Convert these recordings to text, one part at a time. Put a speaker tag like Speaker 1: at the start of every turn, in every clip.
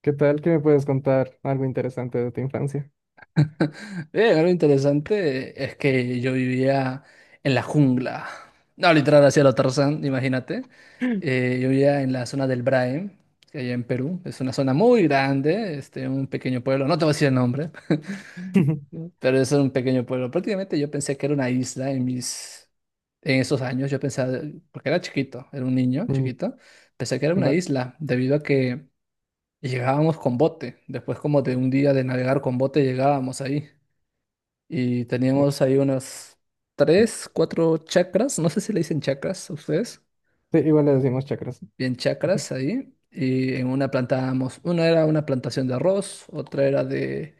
Speaker 1: ¿Qué tal? ¿Que me puedes contar algo interesante de tu infancia?
Speaker 2: Algo interesante es que yo vivía en la jungla. No, literal, hacia lo Tarzán, imagínate. Yo vivía en la zona del Braem, que allá en Perú. Es una zona muy grande, este, un pequeño pueblo. No te voy a decir el nombre, pero es un pequeño pueblo. Prácticamente yo pensé que era una isla en esos años. Yo pensaba, porque era chiquito, era un niño
Speaker 1: Mm.
Speaker 2: chiquito, pensé que era una
Speaker 1: Va.
Speaker 2: isla, debido a que llegábamos con bote. Después como de un día de navegar con bote llegábamos ahí. Y
Speaker 1: Mm.
Speaker 2: teníamos ahí unas tres, cuatro chakras, no sé si le dicen chakras a ustedes,
Speaker 1: Sí, igual le decimos chakras.
Speaker 2: bien chakras ahí. Y en una plantábamos, una era una plantación de arroz, otra era de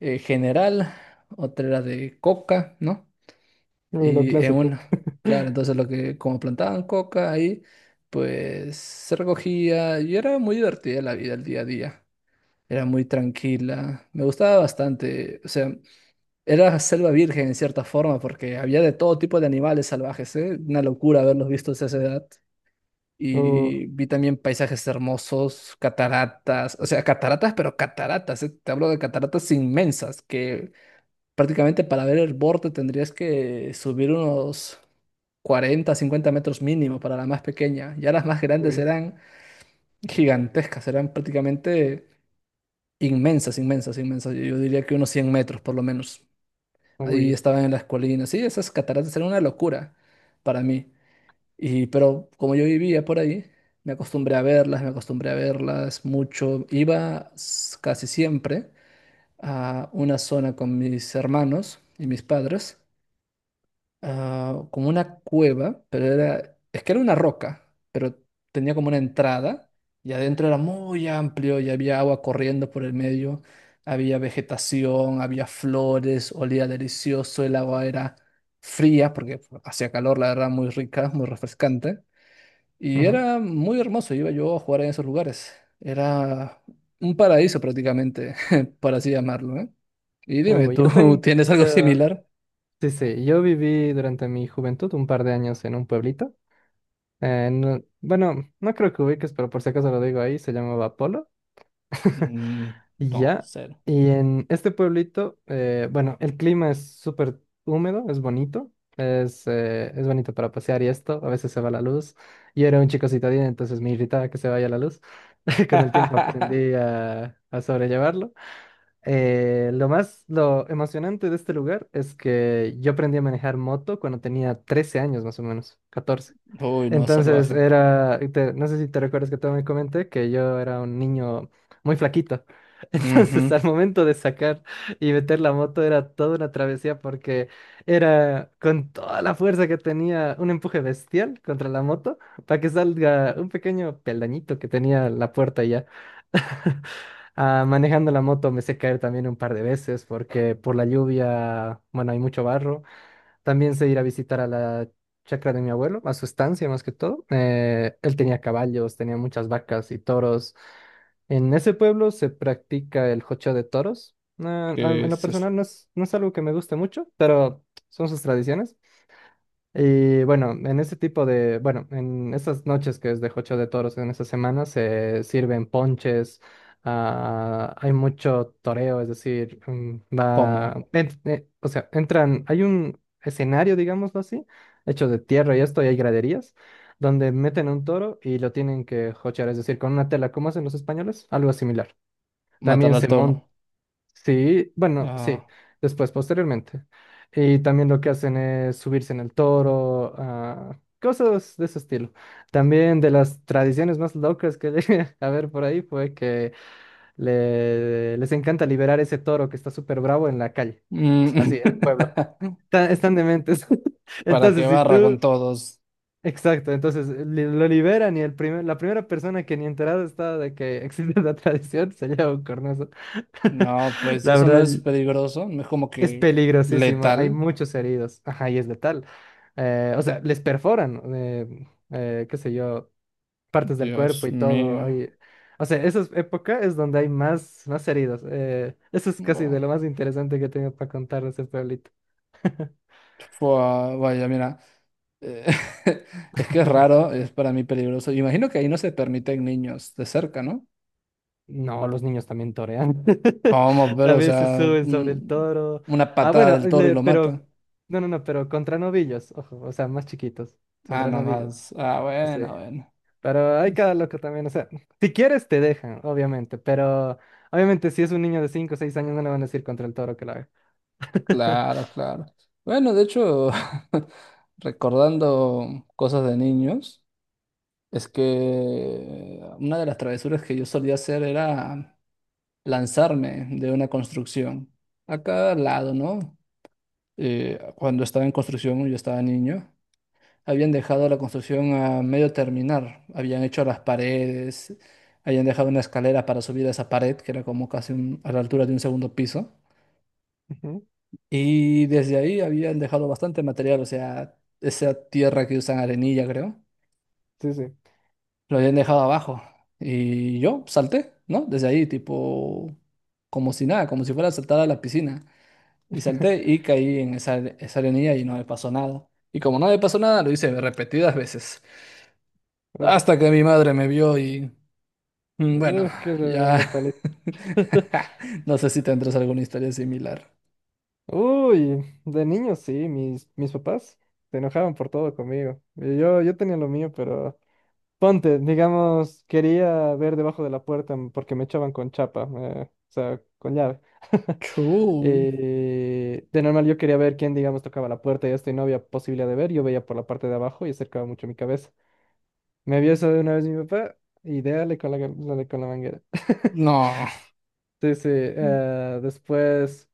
Speaker 2: general, otra era de coca, ¿no?
Speaker 1: Lo
Speaker 2: Y en
Speaker 1: clásico.
Speaker 2: una, claro, entonces lo que, como plantaban coca ahí, pues se recogía y era muy divertida la vida, el día a día. Era muy tranquila, me gustaba bastante, o sea. Era selva virgen en cierta forma, porque había de todo tipo de animales salvajes, ¿eh? Una locura haberlos visto a esa edad.
Speaker 1: Oh,
Speaker 2: Y vi también paisajes hermosos, cataratas, o sea, cataratas, pero cataratas, ¿eh? Te hablo de cataratas inmensas, que prácticamente para ver el borde tendrías que subir unos 40 50 metros mínimo para la más pequeña. Ya las más grandes
Speaker 1: uy,
Speaker 2: eran gigantescas, eran prácticamente inmensas, inmensas, inmensas. Yo diría que unos 100 metros por lo menos. Ahí
Speaker 1: uy.
Speaker 2: estaban en las colinas. Sí, esas cataratas eran una locura para mí. Y, pero como yo vivía por ahí, me acostumbré a verlas, me acostumbré a verlas mucho. Casi siempre a una zona con mis hermanos y mis padres, como una cueva, pero es que era una roca, pero tenía como una entrada y adentro era muy amplio y había agua corriendo por el medio, había vegetación, había flores, olía delicioso, el agua era fría porque hacía calor, la verdad, muy rica, muy refrescante y
Speaker 1: Ujú.
Speaker 2: era muy hermoso, iba yo a jugar en esos lugares, era un paraíso prácticamente, por así llamarlo, ¿eh? Y dime,
Speaker 1: Oh, yo
Speaker 2: ¿tú
Speaker 1: tengo...
Speaker 2: tienes algo similar?
Speaker 1: Sí, sí, yo viví durante mi juventud un par de años en un pueblito. Bueno, no creo que ubiques, pero por si acaso lo digo ahí, se llamaba Polo.
Speaker 2: Mm,
Speaker 1: Y
Speaker 2: no,
Speaker 1: ya,
Speaker 2: sé.
Speaker 1: y en este pueblito, bueno, el clima es súper húmedo, es bonito para pasear y esto, a veces se va la luz. Yo era un chico citadino, entonces me irritaba que se vaya la luz. Con el tiempo aprendí a sobrellevarlo. Lo emocionante de este lugar es que yo aprendí a manejar moto cuando tenía 13 años más o menos, 14,
Speaker 2: Uy, no,
Speaker 1: entonces
Speaker 2: salvaje.
Speaker 1: era, no sé si te recuerdas que te me comenté que yo era un niño muy flaquito. Entonces, al
Speaker 2: Ujú.
Speaker 1: momento de sacar y meter la moto era toda una travesía, porque era con toda la fuerza que tenía un empuje bestial contra la moto para que salga un pequeño peldañito que tenía la puerta, y ya. Ah, manejando la moto me sé caer también un par de veces porque por la lluvia, bueno, hay mucho barro. También sé ir a visitar a la chacra de mi abuelo, a su estancia más que todo. Él tenía caballos, tenía muchas vacas y toros. En ese pueblo se practica el jocheo de toros. No,
Speaker 2: ¿Qué
Speaker 1: en lo
Speaker 2: es eso?
Speaker 1: personal no es algo que me guste mucho, pero son sus tradiciones. Y bueno, en este tipo de, bueno, en estas noches que es de Jocho de Toros, en esta semana se sirven ponches, ah, hay mucho toreo, es decir, mm,
Speaker 2: ¿Cómo?
Speaker 1: va, o sea, entran, hay un escenario, digámoslo así, hecho de tierra y esto, y hay graderías, donde meten un toro y lo tienen que jochear, es decir, con una tela, como hacen los españoles, algo similar.
Speaker 2: Matar
Speaker 1: También se...
Speaker 2: al toro.
Speaker 1: Mm. Sí, bueno,
Speaker 2: Ah.
Speaker 1: sí, después, posteriormente. Y también lo que hacen es subirse en el toro, ah, cosas de ese estilo. También, de las tradiciones más locas que llegué a ver por ahí, fue que les encanta liberar ese toro que está súper bravo en la calle, o sea, así,
Speaker 2: Mm.
Speaker 1: en el pueblo. Están dementes.
Speaker 2: ¿Para qué
Speaker 1: Entonces, si
Speaker 2: barra con
Speaker 1: tú...
Speaker 2: todos?
Speaker 1: Exacto, entonces lo liberan y la primera persona que ni enterada está de que existe la tradición se lleva un cornazo.
Speaker 2: No, pues si
Speaker 1: La
Speaker 2: eso no
Speaker 1: verdad,
Speaker 2: es peligroso, no es como
Speaker 1: es
Speaker 2: que
Speaker 1: peligrosísimo, hay
Speaker 2: letal.
Speaker 1: muchos heridos, ajá, y es letal. O sea, les perforan, qué sé yo, partes del cuerpo
Speaker 2: Dios
Speaker 1: y todo.
Speaker 2: mío.
Speaker 1: Hay... O sea, época es donde hay más, más heridos. Eh, eso es casi de
Speaker 2: Buah.
Speaker 1: lo más interesante que tengo para contar de ese pueblito.
Speaker 2: Fua, vaya, mira. eh, es que es raro, es para mí peligroso. Imagino que ahí no se permiten niños de cerca, ¿no?
Speaker 1: No, los niños también torean.
Speaker 2: ¿Cómo? Pero, o
Speaker 1: También se
Speaker 2: sea,
Speaker 1: suben sobre el toro.
Speaker 2: una
Speaker 1: Ah,
Speaker 2: patada
Speaker 1: bueno,
Speaker 2: del toro y lo mata.
Speaker 1: pero, no, pero contra novillos, ojo, o sea, más chiquitos,
Speaker 2: Ah,
Speaker 1: contra novillos.
Speaker 2: nomás. Ah,
Speaker 1: Sí.
Speaker 2: bueno, bueno.
Speaker 1: Pero hay cada
Speaker 2: Es-
Speaker 1: loco también, o sea, si quieres te dejan, obviamente, pero obviamente si es un niño de 5 o 6 años no le van a decir contra el toro que lo haga.
Speaker 2: Claro, claro. Bueno, de hecho, recordando cosas de niños, es que una de las travesuras que yo solía hacer era lanzarme de una construcción. A cada lado, ¿no? Cuando estaba en construcción, yo estaba niño, habían dejado la construcción a medio terminar. Habían hecho las paredes, habían dejado una escalera para subir a esa pared, que era como casi a la altura de un segundo piso.
Speaker 1: Ujú.
Speaker 2: Y desde ahí habían dejado bastante material, o sea, esa tierra que usan arenilla, creo,
Speaker 1: Sí, sí.
Speaker 2: lo habían dejado abajo. Y yo salté, ¿no? Desde ahí, tipo, como si nada, como si fuera a saltar a la piscina. Y salté y caí en esa arenilla y no me pasó nada. Y como no me pasó nada, lo hice repetidas veces.
Speaker 1: Uy,
Speaker 2: Hasta que mi madre me vio y bueno,
Speaker 1: uy, qué
Speaker 2: ya...
Speaker 1: reverenda paliza.
Speaker 2: No sé si tendrás alguna historia similar.
Speaker 1: Uy, de niño sí, mis papás se enojaban por todo conmigo. Y yo tenía lo mío, pero ponte, digamos, quería ver debajo de la puerta porque me echaban con chapa, o sea, con llave.
Speaker 2: Chuy.
Speaker 1: De normal yo quería ver quién, digamos, tocaba la puerta y esto, y no había posibilidad de ver. Yo veía por la parte de abajo y acercaba mucho mi cabeza. Me vio eso de una vez mi papá y dale con dale con la manguera.
Speaker 2: No.
Speaker 1: Sí, sí.
Speaker 2: Mm.
Speaker 1: Eh, después,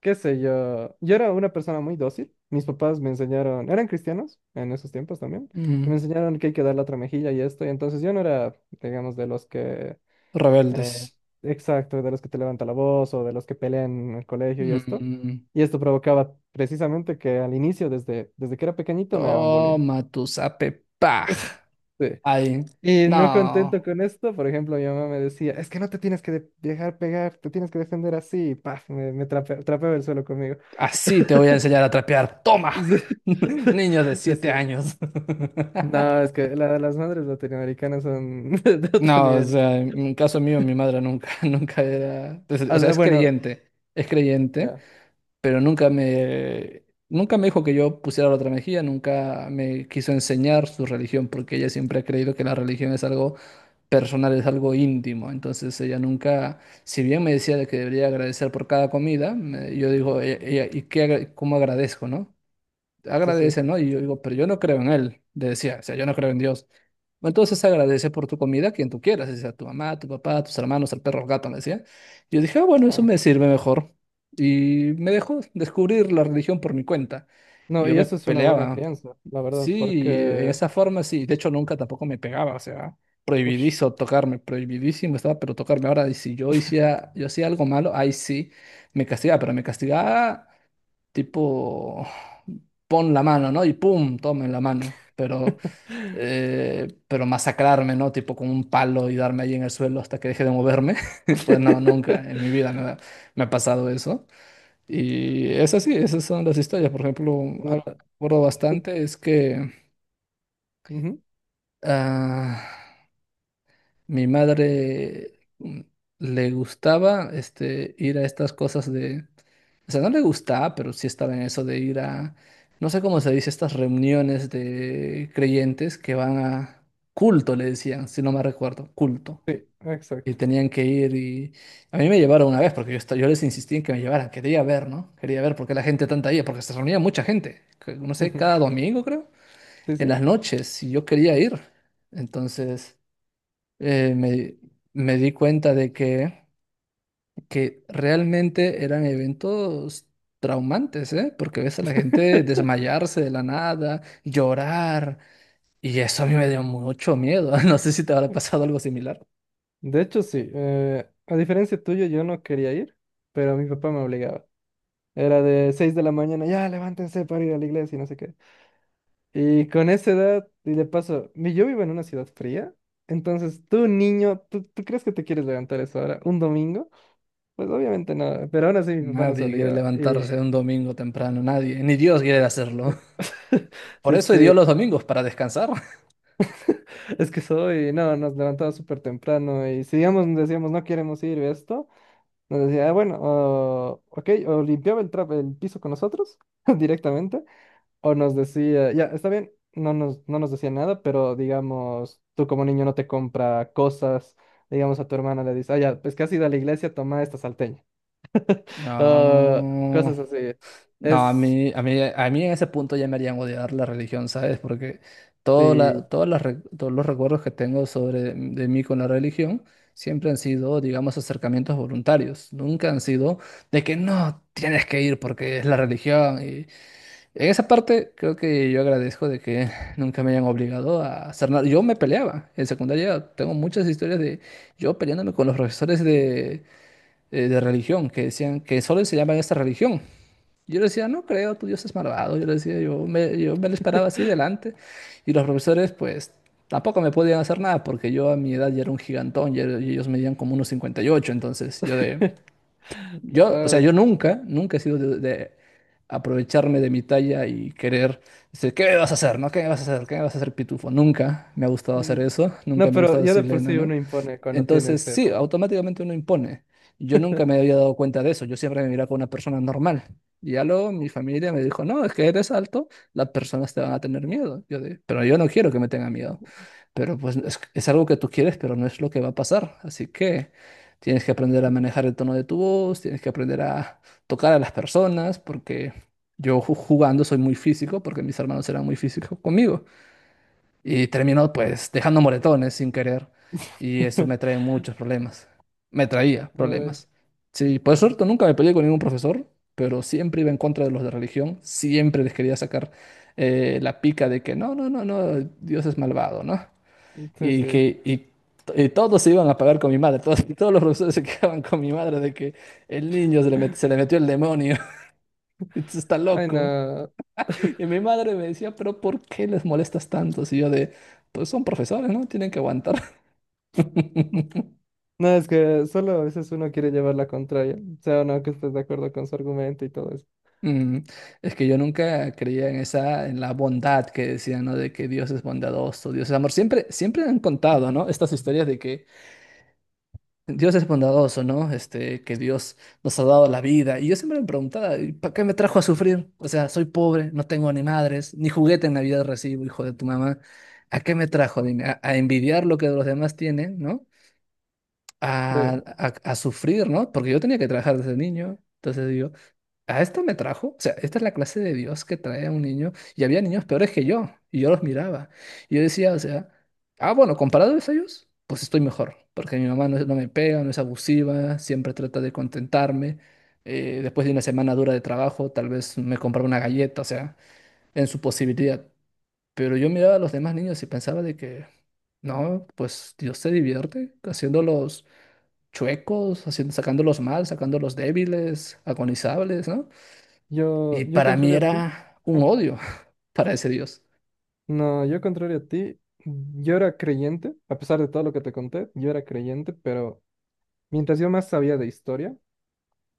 Speaker 1: qué sé yo. Yo era una persona muy dócil. Mis papás me enseñaron, eran cristianos en esos tiempos también, y me
Speaker 2: Mm.
Speaker 1: enseñaron que hay que dar la otra mejilla y esto. Y entonces yo no era, digamos, de los que...
Speaker 2: Rebeldes.
Speaker 1: Eh, exacto, de los que te levanta la voz o de los que pelean en el colegio y esto.
Speaker 2: Mm,
Speaker 1: Y esto provocaba precisamente que al inicio, desde que era pequeñito, me hagan bullying.
Speaker 2: toma tu zape paj.
Speaker 1: Sí.
Speaker 2: Ay,
Speaker 1: Y
Speaker 2: no.
Speaker 1: no contento con esto, por ejemplo, mi mamá me decía, es que no te tienes que dejar pegar, te tienes que defender así, y paf, me trapeaba el suelo conmigo.
Speaker 2: Así te voy a enseñar a trapear. Toma.
Speaker 1: Sí,
Speaker 2: Niños de
Speaker 1: sí,
Speaker 2: siete
Speaker 1: sí.
Speaker 2: años.
Speaker 1: No, es que las madres latinoamericanas son de otro
Speaker 2: No, o
Speaker 1: nivel.
Speaker 2: sea, en caso mío, mi madre nunca, nunca era, pues, o sea,
Speaker 1: Ah, bueno,
Speaker 2: es creyente,
Speaker 1: ya,
Speaker 2: pero nunca me dijo que yo pusiera la otra mejilla, nunca me quiso enseñar su religión, porque ella siempre ha creído que la religión es algo personal, es algo íntimo. Entonces ella nunca, si bien me decía de que debería agradecer por cada comida, me- yo digo, "E- ella, ¿y qué, agra- cómo agradezco, no?
Speaker 1: sí, sí.
Speaker 2: Agradece, ¿no? Y yo digo, pero yo no creo en él, le decía, o sea, yo no creo en Dios. Entonces agradece por tu comida a quien tú quieras, sea tu mamá, tu papá, tus hermanos, el perro, el gato, me decía. Yo dije, ah, bueno, eso
Speaker 1: No.
Speaker 2: me sirve mejor. Y me dejó descubrir la religión por mi cuenta. Y
Speaker 1: No,
Speaker 2: yo
Speaker 1: y
Speaker 2: me
Speaker 1: eso es una buena
Speaker 2: peleaba.
Speaker 1: crianza, la verdad,
Speaker 2: Sí, de
Speaker 1: porque...
Speaker 2: esa forma sí. De hecho, nunca tampoco me pegaba, o sea,
Speaker 1: Ush.
Speaker 2: prohibidizo tocarme, prohibidísimo estaba, pero tocarme. Ahora, y si yo hacía algo malo, ahí sí me castigaba, pero me castigaba tipo, pon la mano, ¿no? Y pum, toma en la mano. Pero masacrarme, ¿no? Tipo con un palo y darme ahí en el suelo hasta que deje de moverme. Pues no, nunca en mi vida me ha pasado eso. Y es así, esas son las historias. Por ejemplo,
Speaker 1: No,
Speaker 2: algo que recuerdo bastante es que,
Speaker 1: ujú.
Speaker 2: ah, mi madre, mm, le gustaba ir a estas cosas de... O sea, no le gustaba, pero sí estaba en eso de ir a... No sé cómo se dice, estas reuniones de creyentes que van a culto, le decían, si no me recuerdo, culto.
Speaker 1: Sí,
Speaker 2: Y
Speaker 1: exacto.
Speaker 2: tenían que ir y... A mí me llevaron una vez porque yo, esta- yo les insistí en que me llevaran. Quería ver, ¿no? Quería ver por qué la gente tanta iba, porque se reunía mucha gente. Que- No sé,
Speaker 1: Ujú.
Speaker 2: cada domingo creo.
Speaker 1: Sí,
Speaker 2: En
Speaker 1: sí.
Speaker 2: las noches, y yo quería ir. Entonces eh, me, me di cuenta de que realmente eran eventos traumantes, ¿eh? Porque ves a la gente desmayarse de la nada, llorar, y eso a mí me dio mucho miedo. No sé si te habrá pasado algo similar.
Speaker 1: De hecho, sí. Eh, a diferencia tuya, yo no quería ir, pero mi papá me obligaba. Era de 6 de la mañana, ya levántense para ir a la iglesia y no sé qué. Y con esa edad, y de paso, yo vivo en una ciudad fría, entonces tú, niño, tú crees que te quieres levantar a esa hora? ¿Un domingo? Pues obviamente no, pero aún así mi papá nos
Speaker 2: Nadie quiere
Speaker 1: obligaba.
Speaker 2: levantarse
Speaker 1: Y...
Speaker 2: un domingo temprano, nadie, ni Dios quiere hacerlo. Por
Speaker 1: Sí,
Speaker 2: eso dio
Speaker 1: sí.
Speaker 2: los domingos, para descansar.
Speaker 1: Es que soy, no, nos levantaba súper temprano y si digamos, decíamos no queremos ir esto, nos decía, "Ah, bueno, ok", o limpiaba el, el piso con nosotros directamente, o nos decía, ya, está bien, no nos decía nada, pero digamos, tú como niño no te compra cosas, digamos a tu hermana le dices, ah, ya, pues casi has la iglesia, toma esta salteña, ah,
Speaker 2: No.
Speaker 1: cosas así.
Speaker 2: No, a
Speaker 1: Es,
Speaker 2: mí, a mí, a mí en ese punto ya me harían odiar la religión, ¿sabes? Porque todo la-
Speaker 1: sí,
Speaker 2: todas las re- todos los recuerdos que tengo sobre de mí con la religión siempre han sido, digamos, acercamientos voluntarios. Nunca han sido de que no tienes que ir porque es la religión. Y en esa parte creo que yo agradezco de que nunca me hayan obligado a hacer nada. Yo me peleaba en secundaria. Tengo muchas historias de yo peleándome con los profesores de, de religión que decían que solo enseñaban esta religión. Yo le decía, no creo, tu Dios es malvado. Yo le decía, yo me lo esperaba así delante. Y los profesores, pues, tampoco me podían hacer nada porque yo a mi edad ya era un gigantón y ellos medían como unos 58. Entonces, yo de.
Speaker 1: ah,
Speaker 2: Yo, o sea, yo
Speaker 1: bueno.
Speaker 2: nunca, nunca he sido de aprovecharme de mi talla y querer decir, ¿qué me vas a hacer? ¿No? ¿Qué me vas a hacer? ¿Qué me vas a hacer, pitufo? Nunca me ha gustado hacer
Speaker 1: Mm.
Speaker 2: eso. Nunca
Speaker 1: No,
Speaker 2: me ha
Speaker 1: pero
Speaker 2: gustado
Speaker 1: ya de
Speaker 2: decirle,
Speaker 1: por
Speaker 2: no,
Speaker 1: sí
Speaker 2: no.
Speaker 1: uno impone cuando tiene
Speaker 2: Entonces,
Speaker 1: ese
Speaker 2: sí,
Speaker 1: tamaño.
Speaker 2: automáticamente uno impone. Yo nunca me había dado cuenta de eso. Yo siempre me miraba como una persona normal. Y ya luego mi familia me dijo, no, es que eres alto, las personas te van a tener miedo. Yo de, pero yo no quiero que me tengan miedo. Pero pues es algo que tú quieres, pero no es lo que va a pasar. Así que tienes que aprender a manejar el tono de tu voz, tienes que aprender a tocar a las personas, porque jugando soy muy físico, porque mis hermanos eran muy físicos conmigo y termino pues dejando moretones sin querer y eso me trae muchos problemas. Me traía
Speaker 1: Ay,
Speaker 2: problemas. Sí, por suerte nunca me peleé con ningún profesor, pero siempre iba en contra de los de religión, siempre les quería sacar la pica de que no, no, no, no, Dios es malvado, ¿no?
Speaker 1: sí,
Speaker 2: Y
Speaker 1: sí.
Speaker 2: que y, y todos se iban a pagar con mi madre, todos, todos los profesores se quedaban con mi madre de que el niño se le, met- se le metió el demonio, está
Speaker 1: Ay,
Speaker 2: loco.
Speaker 1: no.
Speaker 2: Y mi madre me decía, pero ¿por qué les molestas tanto? Y yo de, pues son profesores, ¿no? Tienen que aguantar.
Speaker 1: No, es que solo a veces uno quiere llevar la contraria, o sea, o no que estés de acuerdo con su argumento y todo eso.
Speaker 2: Mm, Es que yo nunca creía en esa, en la bondad que decían, ¿no? De que Dios es bondadoso, Dios es amor. Siempre, siempre han contado, ¿no? Estas historias de que Dios es bondadoso, ¿no? Este, que Dios nos ha dado la vida. Y yo siempre me preguntaba, ¿y para qué me trajo a sufrir? O sea, soy pobre, no tengo ni madres, ni juguete en Navidad recibo, hijo de tu mamá. ¿A qué me trajo? Dime, a envidiar lo que los demás tienen, ¿no? a,
Speaker 1: Sí,
Speaker 2: a- a sufrir, ¿no? Porque yo tenía que trabajar desde niño. Entonces digo, ¿a esto me trajo? O sea, esta es la clase de Dios que trae a un niño. Y había niños peores que yo. Y yo los miraba. Y yo decía, o sea, ah, bueno, comparado a ellos, pues estoy mejor. Porque mi mamá no, es- no me pega, no es abusiva, siempre trata de contentarme. Después de una semana dura de trabajo, tal vez me compraba una galleta, o sea, en su posibilidad. Pero yo miraba a los demás niños y pensaba de que, no, pues Dios se divierte haciéndolos chuecos, haciendo, sacándolos mal, sacándolos débiles, agonizables, ¿no? Y
Speaker 1: yo
Speaker 2: para mí
Speaker 1: contrario a ti,
Speaker 2: era un
Speaker 1: ajá,
Speaker 2: odio para ese Dios.
Speaker 1: no, yo contrario a ti, yo era creyente, a pesar de todo lo que te conté, yo era creyente, pero mientras yo más sabía de historia,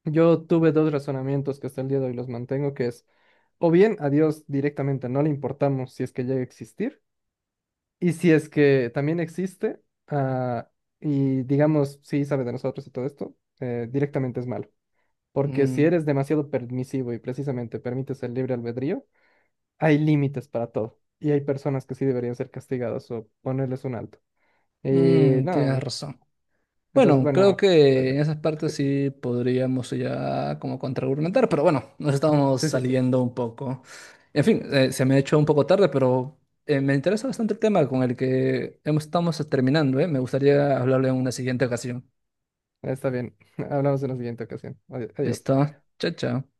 Speaker 1: yo tuve dos razonamientos que hasta el día de hoy los mantengo, que es, o bien a Dios directamente no le importamos si es que llega a existir. Y si es que también existe, ah, y digamos, sí sabe de nosotros y todo esto, directamente es malo. Porque si
Speaker 2: Mm,
Speaker 1: eres demasiado permisivo y precisamente permites el libre albedrío, hay límites para todo. Y hay personas que sí deberían ser castigadas o ponerles un alto. Y
Speaker 2: Tienes
Speaker 1: no,
Speaker 2: razón.
Speaker 1: entonces,
Speaker 2: Bueno, creo
Speaker 1: bueno, por ahí
Speaker 2: que
Speaker 1: va.
Speaker 2: en esas partes sí podríamos ya como contraargumentar, pero bueno, nos estamos
Speaker 1: Sí, sí, sí.
Speaker 2: saliendo un poco. En fin, se me ha hecho un poco tarde, pero me interesa bastante el tema con el que estamos terminando, ¿eh? Me gustaría hablarle en una siguiente ocasión.
Speaker 1: Está bien. Hablamos en la siguiente ocasión. Adiós.
Speaker 2: ¿Listo? Chao, chao.